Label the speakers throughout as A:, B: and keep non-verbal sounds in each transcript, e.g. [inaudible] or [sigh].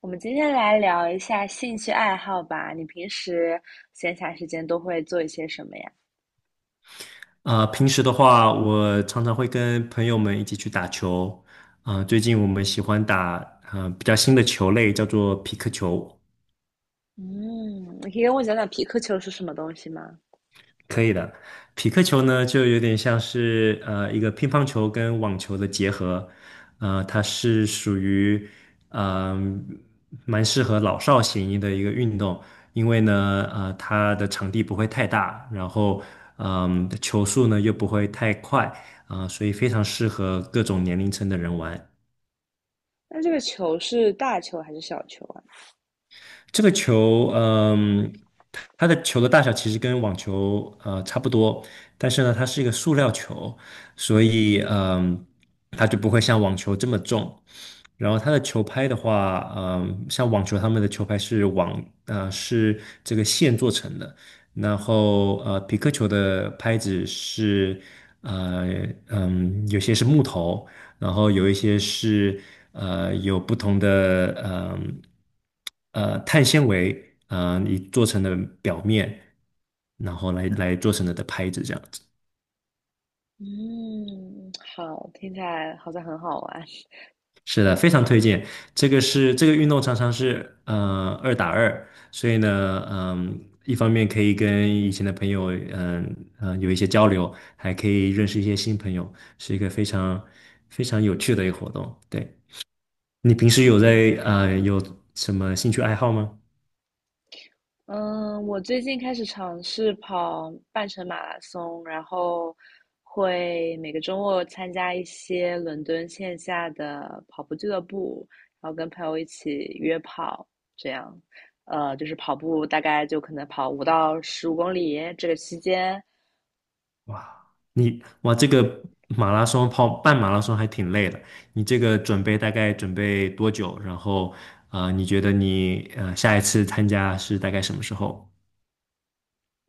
A: 我们今天来聊一下兴趣爱好吧。你平时闲暇时间都会做一些什么呀？
B: 平时的话，我常常会跟朋友们一起去打球。最近我们喜欢打比较新的球类，叫做皮克球。
A: 嗯，你可以跟我讲讲皮克球是什么东西吗？
B: 可以的，匹克球呢，就有点像是一个乒乓球跟网球的结合，它是属于嗯、蛮适合老少咸宜的一个运动，因为呢它的场地不会太大，然后球速呢又不会太快，所以非常适合各种年龄层的人玩。
A: 那这个球是大球还是小球啊？
B: 这个球，它的球的大小其实跟网球差不多，但是呢，它是一个塑料球，所以它就不会像网球这么重。然后它的球拍的话，像网球他们的球拍是是这个线做成的，然后匹克球的拍子是呃有些是木头，然后有一些是有不同的碳纤维你做成的表面，然后来做成的拍子这样子。
A: 嗯，好，听起来好像很好玩。
B: 是的，非常推荐。这个运动常常是2打2，所以呢，一方面可以跟以前的朋友，有一些交流，还可以认识一些新朋友，是一个非常非常有趣的一个活动。对，你平时有在
A: 嗯，
B: 呃有什么兴趣爱好吗？
A: 嗯，我最近开始尝试跑半程马拉松，然后会每个周末参加一些伦敦线下的跑步俱乐部，然后跟朋友一起约跑，这样，就是跑步大概就可能跑5到15公里这个期间，
B: 哇，这个马拉松跑半马拉松还挺累的。你这个大概准备多久？然后，你觉得你下一次参加是大概什么时候？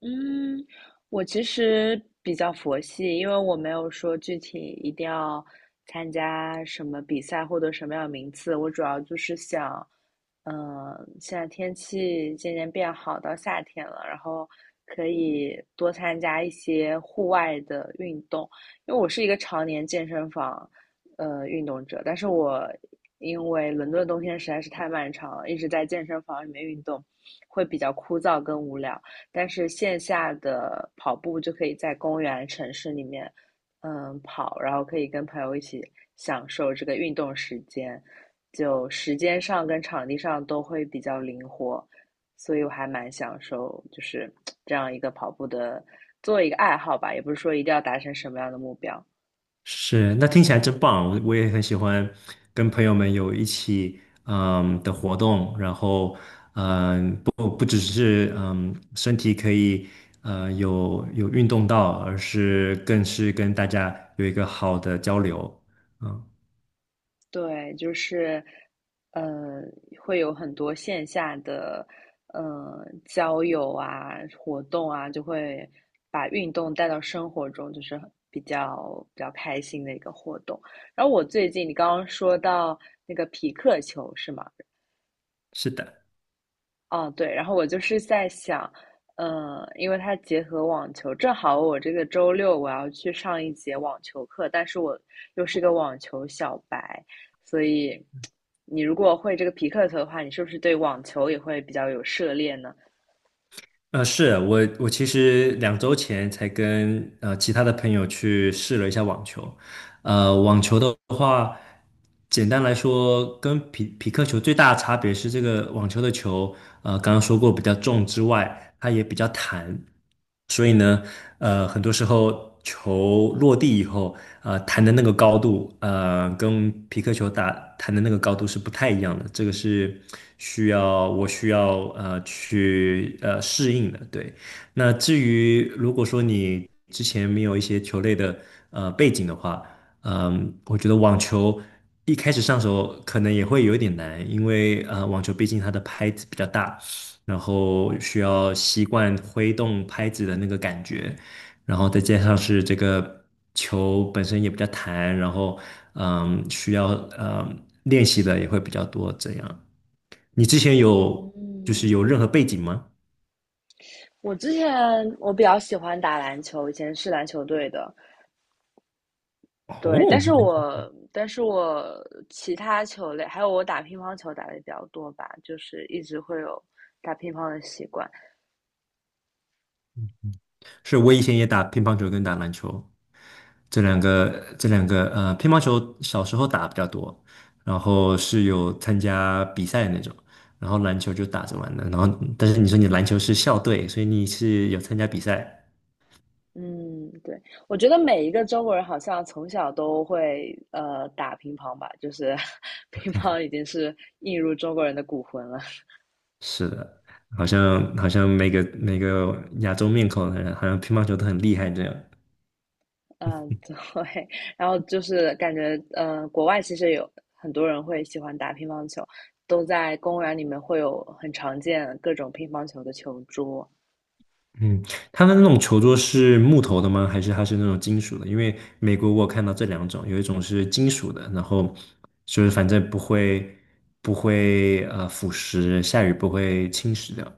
A: 嗯，我其实比较佛系，因为我没有说具体一定要参加什么比赛获得什么样的名次，我主要就是想，嗯，现在天气渐渐变好，到夏天了，然后可以多参加一些户外的运动，因为我是一个常年健身房运动者，但是我因为伦敦的冬天实在是太漫长了，一直在健身房里面运动，会比较枯燥跟无聊。但是线下的跑步就可以在公园、城市里面，嗯，跑，然后可以跟朋友一起享受这个运动时间，就时间上跟场地上都会比较灵活，所以我还蛮享受就是这样一个跑步的，做一个爱好吧，也不是说一定要达成什么样的目标。
B: 是，那听起来真棒。我也很喜欢跟朋友们有一起的活动，然后不只是身体可以有运动到，而是更是跟大家有一个好的交流。嗯，
A: 对，就是，呃，会有很多线下的，交友啊、活动啊，就会把运动带到生活中，就是比较开心的一个活动。然后我最近你刚刚说到那个匹克球是吗？
B: 是的。
A: 哦，对，然后我就是在想，因为它结合网球，正好我这个周六我要去上一节网球课，但是我又是个网球小白，所以你如果会这个皮克球的话，你是不是对网球也会比较有涉猎呢？
B: 我其实2周前才跟其他的朋友去试了一下网球，网球的话，简单来说，跟匹克球最大的差别是，这个网球的球，刚刚说过比较重之外，它也比较弹，所以呢，很多时候球落地以后，弹的那个高度，跟皮克球打弹的那个高度是不太一样的，这个是我需要去适应的，对。那至于如果说你之前没有一些球类的背景的话，我觉得网球一开始上手可能也会有一点难，因为网球毕竟它的拍子比较大，然后需要习惯挥动拍子的那个感觉，然后再加上是这个球本身也比较弹，然后需要练习的也会比较多。这样，你之前就是
A: 嗯，
B: 有任何背景吗？
A: 我之前我比较喜欢打篮球，以前是篮球队的，对，
B: 哦，
A: 但是我其他球类还有我打乒乓球打的比较多吧，就是一直会有打乒乓的习惯。
B: 是我以前也打乒乓球跟打篮球。这两个乒乓球小时候打比较多，然后是有参加比赛的那种，然后篮球就打着玩的，但是你说你篮球是校队，所以你是有参加比赛，
A: 嗯，对，我觉得每一个中国人好像从小都会打乒乓吧，就是 [laughs] 乒乓已经是映入中国人的骨魂了。
B: 是的，好像每个亚洲面孔好像乒乓球都很厉害这样，
A: 嗯，对，[laughs] 然后就是感觉国外其实有很多人会喜欢打乒乓球，都在公园里面会有很常见各种乒乓球的球桌，
B: 嗯，它的那种球桌是木头的吗？还是它是那种金属的？因为美国我有看到这两种，有一种是金属的，然后就是反正不会腐蚀，下雨不会侵蚀掉。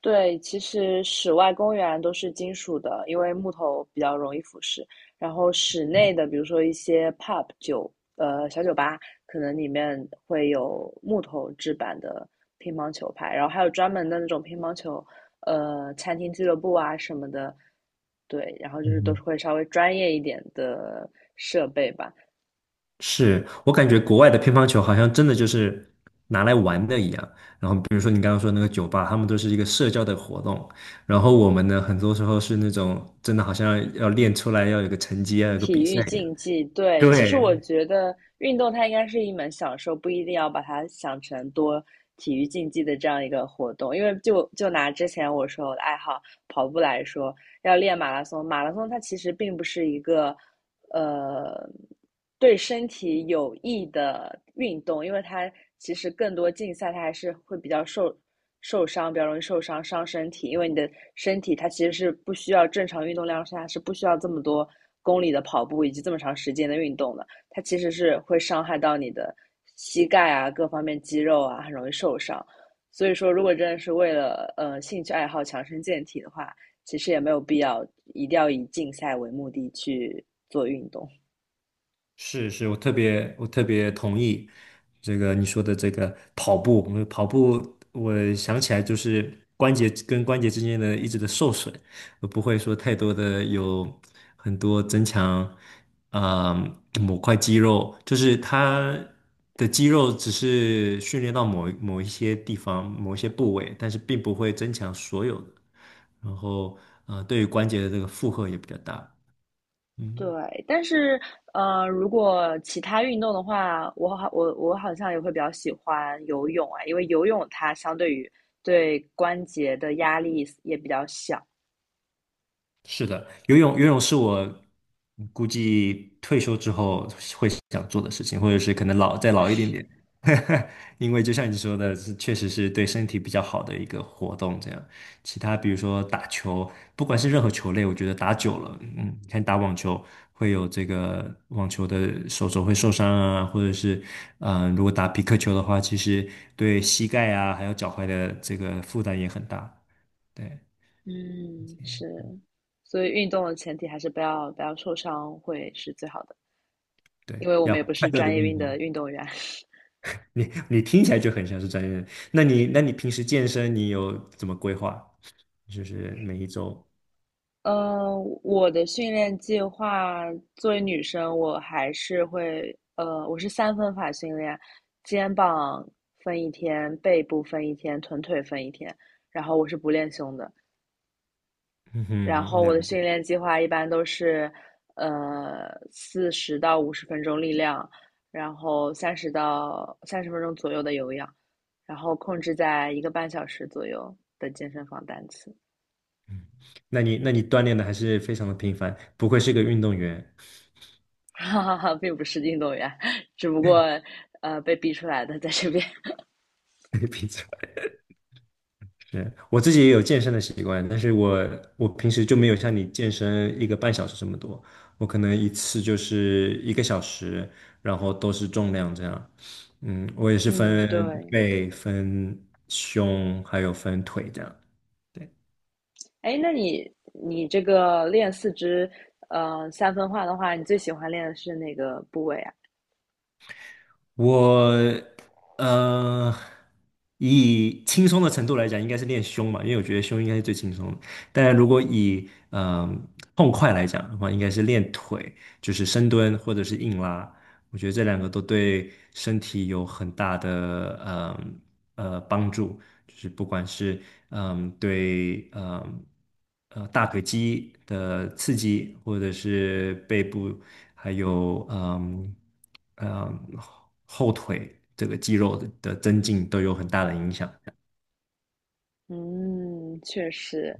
A: 对，其实室外公园都是金属的，因为木头比较容易腐蚀。然后室内的，比如说一些 pub 酒，小酒吧，可能里面会有木头制版的乒乓球拍，然后还有专门的那种乒乓球，餐厅俱乐部啊什么的。对，然后就是都是
B: 嗯，
A: 会稍微专业一点的设备吧。
B: 是我感觉国外的乒乓球好像真的就是拿来玩的一样。然后比如说你刚刚说那个酒吧，他们都是一个社交的活动，然后我们呢很多时候是那种真的好像要练出来要有个成绩，要有个比
A: 体
B: 赛
A: 育
B: 一样。
A: 竞技，对，其实我
B: 对，
A: 觉得运动它应该是一门享受，不一定要把它想成多体育竞技的这样一个活动。因为就拿之前我说我的爱好跑步来说，要练马拉松，马拉松它其实并不是一个呃对身体有益的运动，因为它其实更多竞赛，它还是会比较受伤，比较容易受伤伤身体。因为你的身体它其实是不需要正常运动量下是不需要这么多公里的跑步以及这么长时间的运动的，它其实是会伤害到你的膝盖啊各方面肌肉啊，很容易受伤。所以说，如果真的是为了兴趣爱好强身健体的话，其实也没有必要一定要以竞赛为目的去做运动。
B: 是是，我特别同意你说的这个跑步，因为跑步我想起来就是关节跟关节之间的一直的受损，我不会说太多的有很多增强某块肌肉，就是它的肌肉只是训练到某一些地方某一些部位，但是并不会增强所有的，然后对于关节的这个负荷也比较大，嗯。
A: 对，但是，如果其他运动的话，我好像也会比较喜欢游泳啊，因为游泳它相对于对关节的压力也比较小。
B: 是的，游泳是我估计退休之后会想做的事情，或者是可能再老一点点，[laughs] 因为就像你说的，确实是对身体比较好的一个活动。这样，其他比如说打球，不管是任何球类，我觉得打久了，你看打网球会有这个网球的手肘会受伤啊，或者是如果打皮克球的话，其实对膝盖啊还有脚踝的这个负担也很大。对
A: 嗯，是，所以运动的前提还是不要受伤会是最好的，
B: 对，
A: 因为我
B: 要
A: 们也不
B: 快
A: 是
B: 乐的
A: 专业
B: 运
A: 运的
B: 动。
A: 运动员。
B: 你听起来就很像是专业人。那你平时健身你有怎么规划？就是每一周，
A: 呃，我的训练计划，作为女生，我还是会，我是三分法训练，肩膀分一天，背部分一天，臀腿分一天，然后我是不练胸的。
B: 嗯
A: 然
B: 哼，
A: 后我
B: 两
A: 的
B: 个，
A: 训练计划一般都是，40到50分钟力量，然后30到30分钟左右的有氧，然后控制在一个半小时左右的健身房单次。
B: 那你锻炼的还是非常的频繁，不愧是个运动员。
A: 哈哈哈，并不是运动员，只不过被逼出来的，在这边。
B: [laughs] 平常是我自己也有健身的习惯，但是我平时就没有像你健身一个半小时这么多，我可能一次就是一个小时，然后都是重量这样。嗯，我也是
A: 嗯，
B: 分
A: 对。
B: 背、分胸，还有分腿这样。对。
A: 哎，那你这个练四肢三分化的话，你最喜欢练的是哪个部位啊？
B: 我呃，以轻松的程度来讲，应该是练胸嘛，因为我觉得胸应该是最轻松的。但如果以痛快来讲的话，应该是练腿，就是深蹲或者是硬拉。我觉得这两个都对身体有很大的帮助，就是不管是对大腿肌的刺激，或者是背部还有嗯后腿这个肌肉的增进都有很大的影响。
A: 嗯，确实，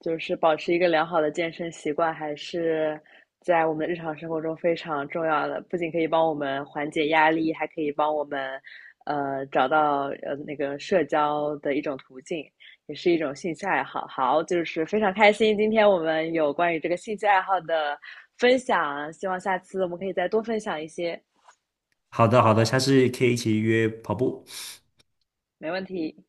A: 就是保持一个良好的健身习惯，还是在我们的日常生活中非常重要的。不仅可以帮我们缓解压力，还可以帮我们，找到那个社交的一种途径，也是一种兴趣爱好。好，就是非常开心，今天我们有关于这个兴趣爱好的分享，希望下次我们可以再多分享一些。
B: 好的，好的，下次可以一起约跑步。
A: 没问题。